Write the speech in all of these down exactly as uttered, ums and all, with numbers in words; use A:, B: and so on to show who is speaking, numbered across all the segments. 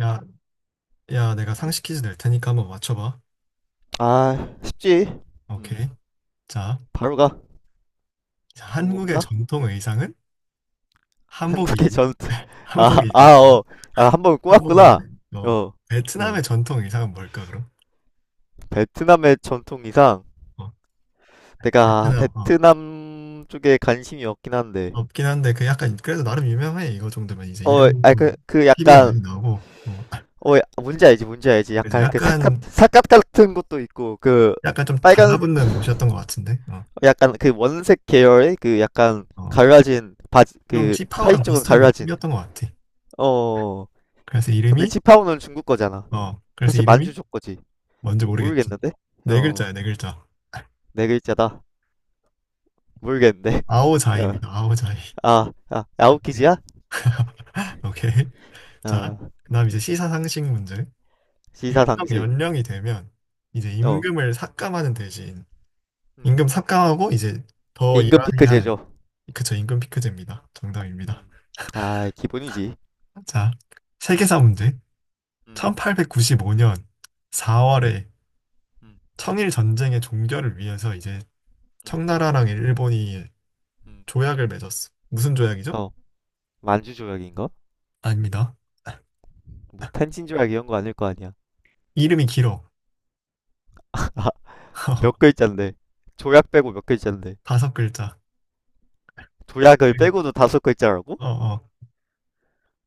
A: 야, 야, 내가
B: 응?
A: 상식 퀴즈 낼 테니까 한번 맞춰봐.
B: 아, 쉽지.
A: 오케이.
B: 음,
A: 자,
B: 바로 가.
A: 자,
B: 뭐
A: 한국의
B: 없나?
A: 전통 의상은
B: 한국의
A: 한복이지.
B: 전투. 아, 아,
A: 한복이지. 어,
B: 어. 아, 한 번
A: 한복인데,
B: 꼬았구나.
A: 어,
B: 어, 어.
A: 베트남의 전통 의상은 뭘까, 그럼?
B: 베트남의 전통이상
A: 어,
B: 내가
A: 베트남, 어,
B: 베트남 쪽에 관심이 없긴 한데.
A: 없긴 한데, 그 약간, 그래도 나름 유명해. 이거 정도면 이제
B: 어,
A: 이름
B: 아, 그, 그
A: 티비에
B: 약간,
A: 많이 나오고, 어,
B: 어, 뭔지 알지, 뭔지 알지.
A: 그지.
B: 약간 그 사각,
A: 약간,
B: 사각 같은 것도 있고, 그
A: 약간 좀
B: 빨간,
A: 달라붙는 옷이었던 것 같은데, 어,
B: 약간 그 원색 계열의 그 약간
A: 어,
B: 갈라진 바지,
A: 좀
B: 그 하의
A: 치파오랑
B: 쪽은
A: 비슷한
B: 갈라진.
A: 느낌이었던 것 같아.
B: 어,
A: 그래서
B: 근데
A: 이름이,
B: 치파오는 중국 거잖아.
A: 어, 그래서
B: 사실
A: 이름이
B: 만주족 거지.
A: 뭔지 모르겠지.
B: 모르겠는데?
A: 네
B: 어,
A: 글자야, 네 글자.
B: 네 글자다. 모르겠는데. 어,
A: 아오자이입니다. 아오자이.
B: 아, 아, 아웃키즈야?
A: 오케이.
B: 어,
A: 자, 그다음 이제 시사상식 문제.
B: 시사
A: 일정
B: 상식.
A: 연령이 되면 이제
B: 어,
A: 임금을 삭감하는 대신
B: 음.
A: 임금 삭감하고 이제 더
B: 임금
A: 일하게
B: 피크
A: 하는,
B: 제조.
A: 그쵸, 임금 피크제입니다. 정답입니다.
B: 음, 아, 기본이지.
A: 자, 세계사 문제.
B: 음,
A: 천팔백구십오 년
B: 음,
A: 사월에
B: 음,
A: 청일 전쟁의 종결을 위해서 이제
B: 음,
A: 청나라랑 일본이
B: 음.
A: 조약을 맺었어. 무슨 조약이죠?
B: 어, 만주 조약인가?
A: 아닙니다.
B: 뭐 텐신 조약 이런 거 아닐 거 아니야.
A: 이름이 길어.
B: 몇 글자인데? 조약 빼고 몇 글자인데?
A: 다섯 글자.
B: 조약을
A: 네.
B: 빼고도 다섯 글자라고?
A: 어, 어.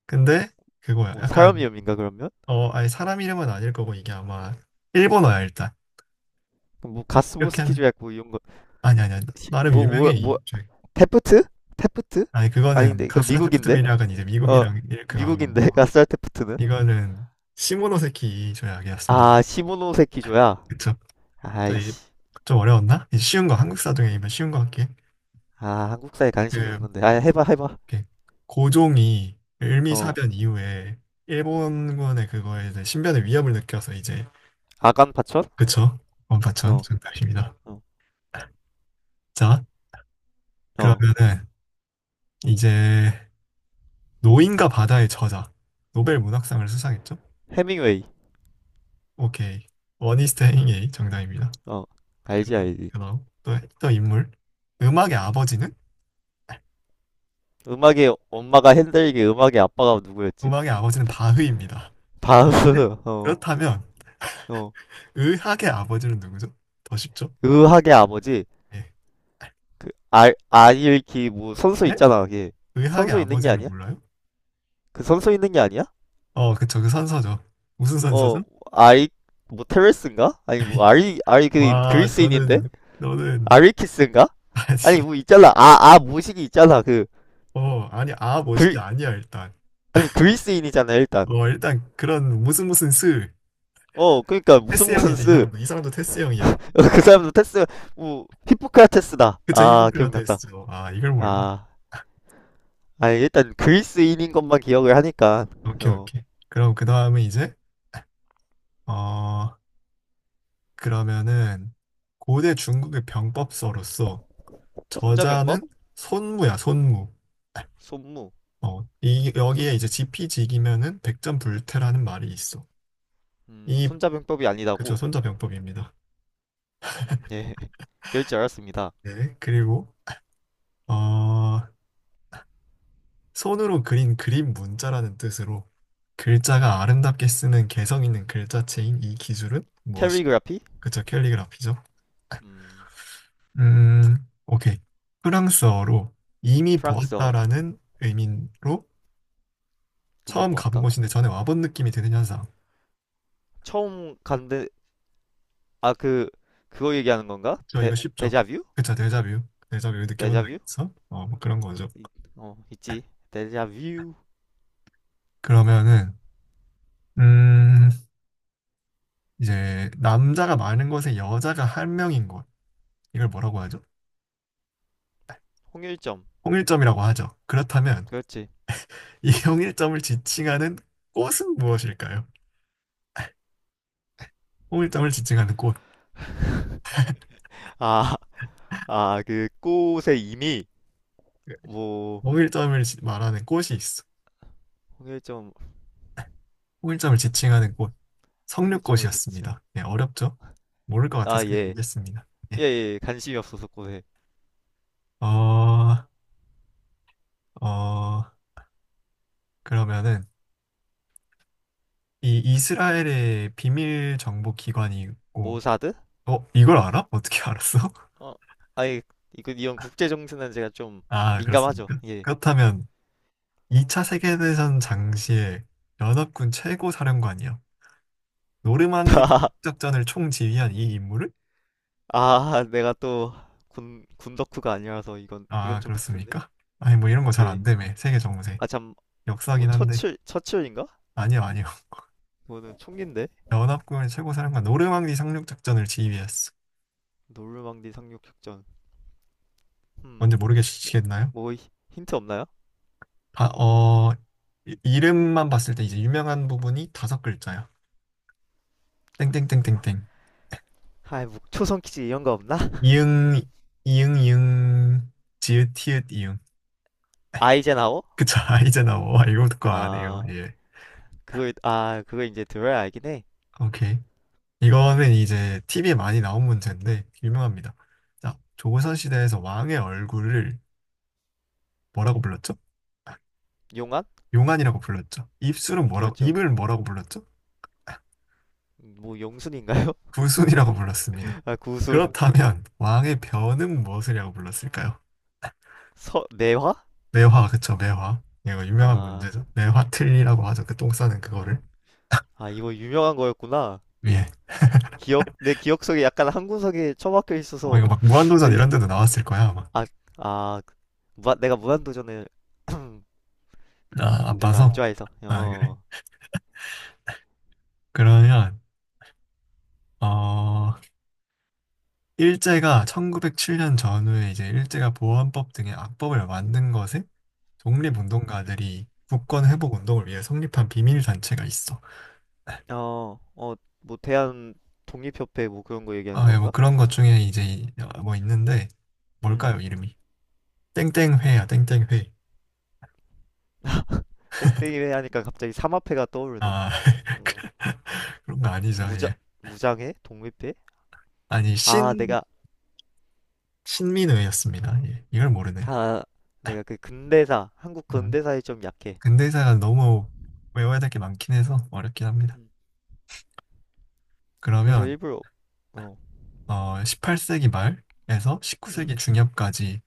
A: 근데 그거야.
B: 뭐 사람
A: 약간
B: 이름인가 그러면?
A: 어, 아니, 사람 이름은 아닐 거고, 이게 아마 일본어야 일단.
B: 그럼 뭐
A: 이렇게
B: 가스보스키
A: 하면
B: 조약 뭐 이런 거,
A: 아니 아니 아니.
B: 시-
A: 나름
B: 뭐,
A: 유명해
B: 뭐, 뭐,
A: 이 책.
B: 테프트? 테프트?
A: 아니, 그거는
B: 아닌데 그
A: 가스라 테프트
B: 미국인데?
A: 밀약은 이제
B: 어
A: 미국이랑 이렇게 간 거고.
B: 미국인데 가스알 테프트는?
A: 이거는 시모노세키 이 조약이었습니다.
B: 아 시모노세키조야.
A: 그쵸? 자, 이-
B: 아이씨.
A: 좀 어려웠나? 이제 쉬운 거, 한국 사전이면 쉬운 거 할게.
B: 아 한국사에 관심이
A: 그,
B: 없는데. 아 해봐 해봐.
A: 이렇게 고종이
B: 어.
A: 을미사변 이후에
B: 음.
A: 일본군의 그거에 이제 신변의 위협을 느껴서 이제,
B: 아간 파천?
A: 그쵸? 원파천
B: 어.
A: 정답입니다.
B: 어.
A: 자,
B: 어.
A: 그러면은 이제 노인과 바다의 저자, 노벨 문학상을 수상했죠?
B: 해밍웨이.
A: 오케이. 어니스트 헤밍웨이 정답입니다.
B: 어. 알지
A: 그러면
B: 알지.
A: 그다음 또, 또 인물. 음악의
B: 음.
A: 아버지는?
B: 음악의 엄마가 핸델이게 음악의 아빠가 누구였지?
A: 음악의 아버지는 바흐입니다. 바흐인데
B: 바흐. 어.
A: 그렇다면
B: 어.
A: 의학의 아버지는 누구죠? 더 쉽죠?
B: 의학의 아버지.
A: 예.
B: 그 알, 아일키 뭐 선수
A: 예?
B: 있잖아. 걔.
A: 의학의
B: 선수 있는 게
A: 아버지를
B: 아니야?
A: 몰라요?
B: 그 선수 있는 게 아니야?
A: 어, 그쵸. 그 선서죠. 무슨
B: 어,
A: 선서죠?
B: 아이, 뭐, 테레스인가? 아니, 뭐, 아리, 아리, 그,
A: 와,
B: 그리스인인데?
A: 너는, 너는
B: 아리키스인가? 아니,
A: 아직
B: 뭐, 있잖아. 아, 아, 모식이 있잖아. 그,
A: 어, 아니, 아, 멋있게
B: 그리,
A: 아니야, 일단.
B: 아니, 그리스인이잖아, 일단.
A: 어, 일단, 그런, 무슨 무슨 스.
B: 어, 그니까, 무슨
A: 테스 형이
B: 무슨
A: 야 이
B: 쓰.
A: 사람도. 이 사람도 테스 형이야.
B: 그 사람도 테스, 뭐, 히포크라테스다.
A: 그쵸, 히포
B: 아,
A: 크라테스
B: 기억났다.
A: 죠 아, 이걸 몰라.
B: 아, 아니, 일단, 그리스인인 것만 기억을 하니까.
A: 오케이,
B: 어,
A: 오케이. 그럼, 그 다음은 이제, 어, 그러면은 고대 중국의 병법서로서, 저자는
B: 손자병법?
A: 손무야, 손무.
B: 손무.
A: 어, 이,
B: 손,
A: 여기에 이제 지피지기면은 백전불태라는 말이 있어.
B: 음,
A: 이,
B: 손자병법이
A: 그쵸,
B: 아니다고.
A: 손자병법입니다.
B: 예, 그럴 줄 알았습니다.
A: 네. 그리고, 어, 손으로 그린 그림 문자라는 뜻으로 글자가 아름답게 쓰는 개성 있는 글자체인, 이 기술은 무엇이죠?
B: 캐리그라피?
A: 그쵸, 캘리그라피죠?
B: 음,
A: 음. 오케이. 프랑스어로 이미
B: 프랑스어.
A: 보았다라는 의미로
B: 이미
A: 처음 가본
B: 보았다.
A: 곳인데 전에 와본 느낌이 드는 현상.
B: 처음 간데 아 그 그거 얘기하는 건가?
A: 저
B: 데
A: 이거 쉽죠?
B: 데자뷰?
A: 그쵸, 데자뷰. 데자뷰 느껴본 적
B: 데자뷰?
A: 있어? 어, 뭐 그런 거죠.
B: 이- 어 있지. 데자뷰
A: 그러면은, 음, 이제 남자가 많은 곳에 여자가 한 명인 곳. 이걸 뭐라고 하죠?
B: 홍일점
A: 통일점이라고 하죠. 그렇다면
B: 그렇지.
A: 이 홍일점을 지칭하는 꽃은 무엇일까요? 홍일점을 지칭하는 꽃.
B: 아 아 그 꽃의 이미 뭐
A: 홍일점을 지- 말하는 꽃이 있어.
B: 홍일점
A: 홍일점을 지칭하는 꽃.
B: 홍일점 외시츠
A: 석류꽃이었습니다. 네, 어렵죠? 모를 것 같아서 그냥
B: 아예예예
A: 얘기했습니다.
B: 예,
A: 네.
B: 예. 예. 관심이 없어서 꽃에
A: 어, 어, 그러면은 이 이스라엘의 비밀 정보 기관이 있고,
B: 모사드?
A: 어, 이걸 알아? 어떻게 알았어?
B: 어 아니 이거 이런 국제 정세는 제가 좀
A: 아,
B: 민감하죠.
A: 그렇습니까?
B: 예.
A: 그렇다면 이 차 세계대전 당시에 연합군 최고 사령관이요. 노르망디 상륙작전을 총지휘한 이 인물을?
B: 아, 내가 또 군, 군 덕후가 아니라서 이건 이건
A: 아,
B: 좀 빡센데.
A: 그렇습니까? 아니, 뭐 이런 거 잘
B: 예.
A: 안 되매. 세계 정세.
B: 아 참, 뭐
A: 역사긴 한데.
B: 처칠 처칠인가?
A: 아니요, 아니요.
B: 뭐는 총기인데
A: 연합군의 최고 사령관 노르망디 상륙작전을 지휘했어.
B: 노르망디 상륙작전.
A: 뭔지
B: 음.
A: 모르겠시겠나요?
B: 뭐 히- 힌트 없나요?
A: 아, 어, 이- 이름만 봤을 때 이제 유명한 부분이 다섯 글자야. 땡땡땡땡땡.
B: 아이 뭐 초성 퀴즈 이런 거 없나?
A: 이응, 이응, 이응, 지읒, 티읒, 이응.
B: 아이젠하워?
A: 그쵸. 이제 나와. 이거 듣고 안 해요.
B: 아
A: 예.
B: 그거 아 그거 이제 들어야 알긴 해.
A: 오케이. 이거는 이제 티브이에 많이 나온 문제인데 유명합니다. 자, 조선 시대에서 왕의 얼굴을 뭐라고 불렀죠? 아,
B: 용안?
A: 용안이라고 불렀죠. 입술은 뭐라고,
B: 그렇죠.
A: 입을 뭐라고 불렀죠?
B: 뭐 용순인가요?
A: 구순이라고 불렀습니다.
B: 아 구순
A: 그렇다면 왕의 변은 무엇이라고 불렀을까요?
B: 서 내화?
A: 매화. 그쵸, 매화. 이거 유명한 문제죠.
B: 아
A: 매화틀리라고 하죠. 그 똥 싸는 그거를.
B: 아 이거 유명한 거였구나.
A: 예.
B: 기억 내 기억 속에 약간 한군석에 처박혀
A: 어,
B: 있어서
A: 이거 막 무한도전
B: 아이,
A: 이런 데도 나왔을 거야 아마.
B: 아, 아 무, 내가 무한도전을 그
A: 나 안
B: 별로 안
A: 봐서.
B: 좋아해서
A: 아, 그래?
B: 어.
A: 그러면 어 일제가 천구백칠 년 전후에 이제 일제가 보안법 등의 악법을 만든 것에
B: 음,
A: 독립운동가들이 국권
B: 음.
A: 회복 운동을 위해 성립한 비밀 단체가 있어.
B: 어, 어, 뭐 대한 독립협회 뭐 그런 거 얘기하는
A: 아, 예, 뭐
B: 건가?
A: 그런 것 중에 이제 이- 어, 뭐 있는데
B: 음,
A: 뭘까요, 이름이? 땡땡회야, 땡땡회.
B: 땡땡이회 하니까 갑자기 삼합회가 떠오르네.
A: 아, 그-
B: 어,
A: 그런 거 아니죠,
B: 무장
A: 예.
B: 무장회? 독립회?
A: 아니,
B: 아,
A: 신,
B: 내가
A: 신민회였습니다. 예, 이걸 모르네.
B: 아, 내가 그 근대사 한국
A: 음.
B: 근대사에 좀 약해.
A: 근대사가 너무 외워야 될 게 많긴 해서 어렵긴 합니다.
B: 음, 그래서
A: 그러면
B: 일부러 어,
A: 어, 십팔 세기 말에서
B: 음,
A: 십구 세기 중엽까지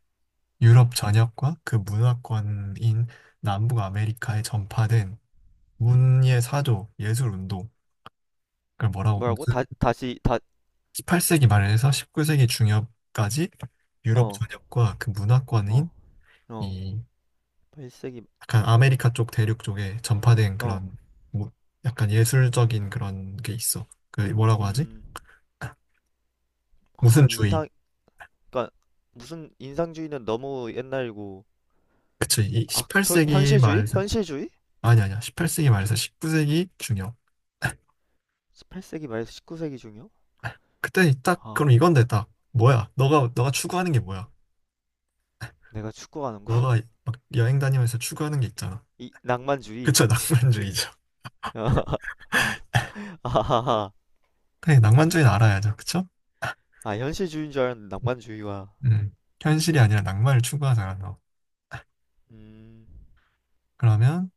B: 음,
A: 유럽 전역과 그 문화권인 남북 아메리카에 전파된
B: 음.
A: 문예 사조, 예술 운동, 그걸 뭐라고,
B: 뭐라고?
A: 무슨
B: 다 다시 다
A: 십팔 세기 말에서 십구 세기 중엽까지 유럽
B: 어,
A: 전역과 그 문화권인
B: 어, 어.
A: 이
B: 팔 세기
A: 약간 아메리카 쪽 대륙 쪽에 전파된
B: 어,
A: 그런 뭐 약간 예술적인 그런 게 있어. 그 뭐라고 하지?
B: 음, 아
A: 무슨 주의?
B: 인상 그러니까 무슨 인상주의는 너무 옛날이고.
A: 그치. 이
B: 아, 저
A: 십팔 세기
B: 현실주의?
A: 말
B: 현실주의?
A: 아니 아니야. 십팔 세기 말에서 십구 세기 중요.
B: 십팔 세기 말에서 십구 세기 중이요?
A: 그때 딱
B: 아,
A: 그럼 이건데 딱 뭐야? 너가 너가 추구하는 게 뭐야?
B: 내가 축구하는 거?
A: 너가 막 여행 다니면서 추구하는 게 있잖아.
B: 이 낭만주의.
A: 그쵸? 낭만주의죠.
B: 아하하.
A: 그래, 낭만주의는 알아야죠. 그쵸?
B: 아, 현실주의인 줄 알았는데
A: 음.
B: 낭만주의와.
A: 음. 현실이 아니라 낭만을 추구하잖아, 너.
B: 음,
A: 그러면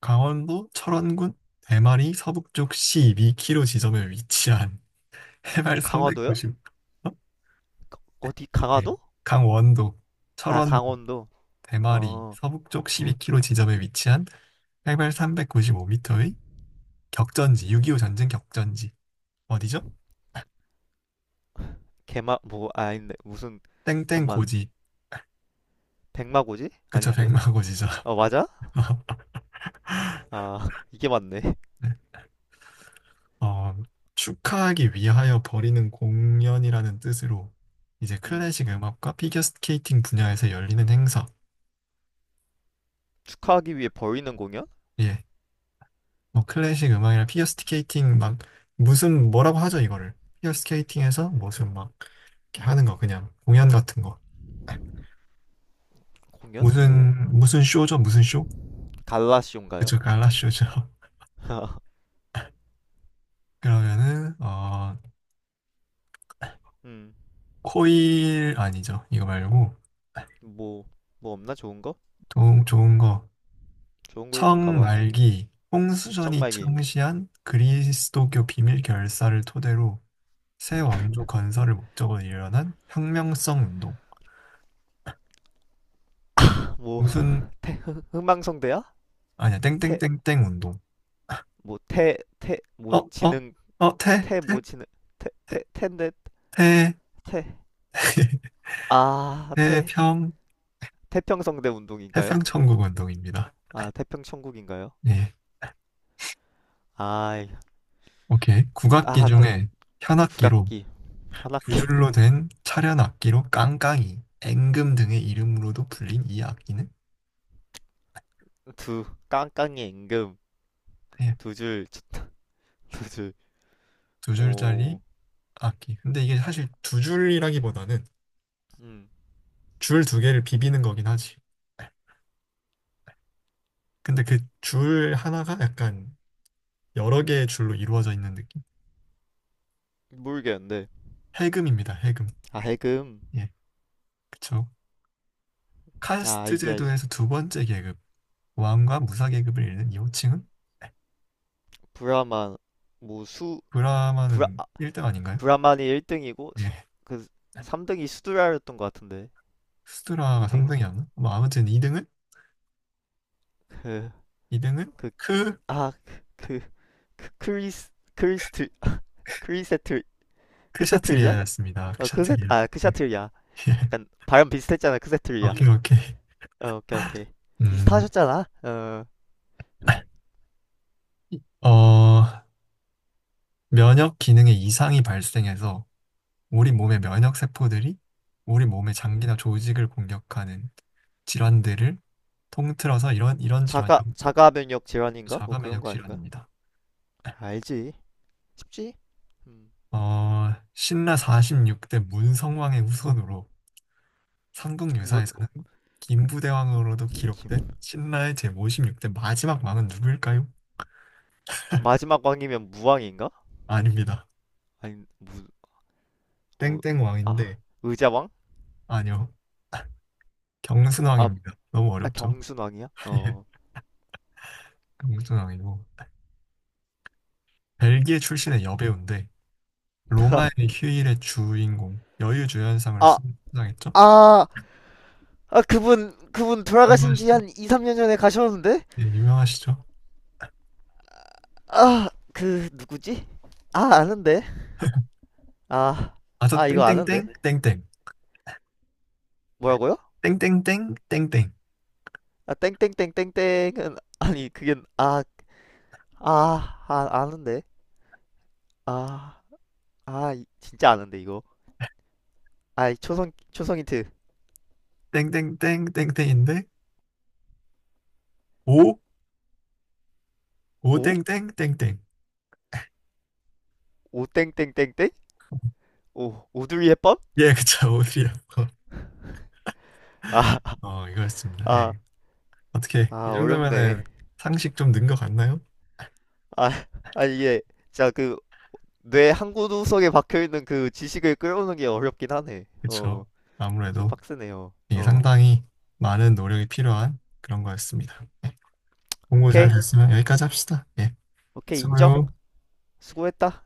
A: 강원도 철원군 대마리 서북쪽 십이 킬로미터 지점에 위치한 해발
B: 강화도요?
A: 삼백구십, 어?
B: 어디
A: 예.
B: 강화도?
A: 강원도
B: 아,
A: 철원군
B: 강원도.
A: 대마리
B: 어,
A: 서북쪽 일
B: 어,
A: 이 k 로 지점에 위치한 해발 삼백구십오 미터의 격전지, 육이오 전쟁 격전지. 어디죠?
B: 개마 뭐 아, 아닌데 무슨
A: 땡땡
B: 잠만
A: 고지.
B: 백마고지?
A: 그쵸,
B: 아닌데.
A: 백마고지죠.
B: 어, 맞아? 아, 이게 맞네.
A: 네. 어, 축하하기 위하여 벌이는 공연이라는 뜻으로 이제
B: 음,
A: 클래식 음악과 피겨 스케이팅 분야에서 열리는 행사.
B: 축하하기 위해 벌이는 공연?
A: 예. 뭐 클래식 음악이나 피겨 스케이팅 막 무슨, 뭐라고 하죠, 이거를. 피겨 스케이팅에서 무슨 막 이렇게 하는 거 그냥 공연 같은 거.
B: 공연? 뭐
A: 무슨 무슨 쇼죠? 무슨 쇼?
B: 갈라시온가요?
A: 그쵸, 갈라 쇼죠. 그러면은 어
B: 음,
A: 코일 아니죠. 이거 말고
B: 뭐 뭐 없나 좋은 거?
A: 좀 좋은 거
B: 좋은 걸 좀 가봐.
A: 청말기 홍수전이
B: 정말기.
A: 창시한 그리스도교 비밀 결사를 토대로 새 왕조 건설을 목적으로 일어난 혁명성 운동.
B: 뭐
A: 무슨.
B: 태, 흥- 흥망성대야?
A: 아니야,
B: 태,
A: 땡땡땡땡 운동.
B: 뭐 태, 태,
A: 어
B: 뭐
A: 어
B: 지능,
A: 어 태
B: 태, 뭐
A: 태
B: 지능, 태, 태, 텐데,
A: 태
B: 태, 아, 태,
A: 태평
B: 태평성대 운동인가요?
A: 태평천국 운동입니다.
B: 아, 태평천국인가요?
A: 예.
B: 아, 이-
A: 오케이. 국악기
B: 아, 또
A: 중에 현악기로
B: 국악기,
A: 두
B: 현악기,
A: 줄로 된 차련 악기로 깡깡이, 앵금 등의 이름으로도 불린 이 악기는,
B: 두, 깡깡이 임금,
A: 예,
B: 두 줄, 두 줄,
A: 두
B: 오,
A: 줄짜리 악기. 근데 이게 사실 두 줄이라기보다는
B: 음,
A: 줄 두 개를 비비는 거긴 하지. 근데 그 줄 하나가 약간 여러 개의 줄로 이루어져 있는 느낌.
B: 모르겠는데.
A: 해금입니다. 해금.
B: 아, 해금,
A: 예, 그쵸.
B: 아,
A: 카스트
B: 알지, 알지.
A: 제도에서 두 번째 계급, 왕과 무사 계급을 잇는 이 호칭은.
B: 브라만, 뭐 수, 브라,
A: 브라마는 일 등 아닌가요?
B: 브라만이 일 등이고,
A: 예.
B: 그 삼 등이 수두라였던 것 같은데.
A: 수드라가
B: 이 등,
A: 삼 등이었나? 뭐 아무튼 이 등은
B: 그,
A: 이 등은
B: 그,
A: 크
B: 아, 그, 그 크리스, 크리스트, 크리세틀, 크세트리야
A: 크샤트리아였습니다.
B: 어, 크세,
A: 크샤트리아.
B: 아, 크샤
A: 예.
B: 트리야 약간 발음 비슷했잖아, 크세트리야
A: 오케이, 오케이.
B: 어, 오케이, 오케이.
A: 음.
B: 비슷하셨잖아. 어,
A: 어, 면역 기능에 이상이 발생해서 우리 몸의
B: 음흠,
A: 면역 세포들이 우리 몸의
B: 음흠.
A: 장기나 조직을 공격하는 질환들을 통틀어서 이런 이런
B: 자가,
A: 질환이라고 불러요.
B: 자가면역 질환인가? 뭐
A: 자가
B: 그런
A: 면역
B: 거 아닌가?
A: 질환입니다.
B: 알지. 쉽지? 음,
A: 어, 신라 사십육 대 문성왕의 후손으로
B: 무,
A: 삼국유사에서는 김부대왕으로도 기록된 신라의 제오십육 대 마지막 왕은 누구일까요?
B: 마지막 왕이면 무왕인가?
A: 아닙니다.
B: 아니, 뭐,
A: 땡땡
B: 아,
A: 왕인데
B: 의자왕?
A: 아니요.
B: 아,
A: 경순왕입니다. 너무
B: 아
A: 어렵죠?
B: 경순왕이야?
A: 예,
B: 어.
A: 경순왕이고. 벨기에
B: 아,
A: 출신의 여배우인데, 로마의 휴일의 주인공, 여유주연상을
B: 아,
A: 수상했죠?
B: 아, 아 그분 그분 돌아가신 지
A: 유명하시죠?
B: 한 이, 삼 년 전에 가셨는데?
A: 예, 유명하시죠?
B: 아 그 누구지? 아 아는데. 아.
A: 아저
B: 아 이거
A: 땡땡땡,
B: 아는데.
A: 땡땡,
B: 뭐라고요?
A: 땡땡땡, 땡땡,
B: 아 땡땡땡땡땡은 아니 그게 아 아, 아, 아는데. 아. 아 진짜 아는데 이거. 아 초성 초성 힌트.
A: 땡땡땡, 땡땡인데, 오,
B: 오?
A: 오땡땡, 땡땡.
B: 오 땡땡땡땡? 오 오두리 햇번?
A: 예. 그쵸, 오드라요.
B: 아.
A: 어, 이거였습니다.
B: 아.
A: 예. 어떻게, 이
B: 아
A: 정도면은
B: 어렵네.
A: 상식 좀 는 것 같나요?
B: 아. 아 이게 진짜 그 뇌 한 구석에 박혀 있는 그 지식을 끌어오는 게 어렵긴 하네. 어. 어.
A: 그쵸.
B: 좀
A: 아무래도.
B: 빡세네요.
A: 이게
B: 어.
A: 상당히 많은 노력이 필요한 그런 거였습니다. 예, 공부 잘
B: 오케이.
A: 됐으면 여기까지 합시다. 예,
B: 오케이. 인정.
A: 수고요.
B: 수고했다.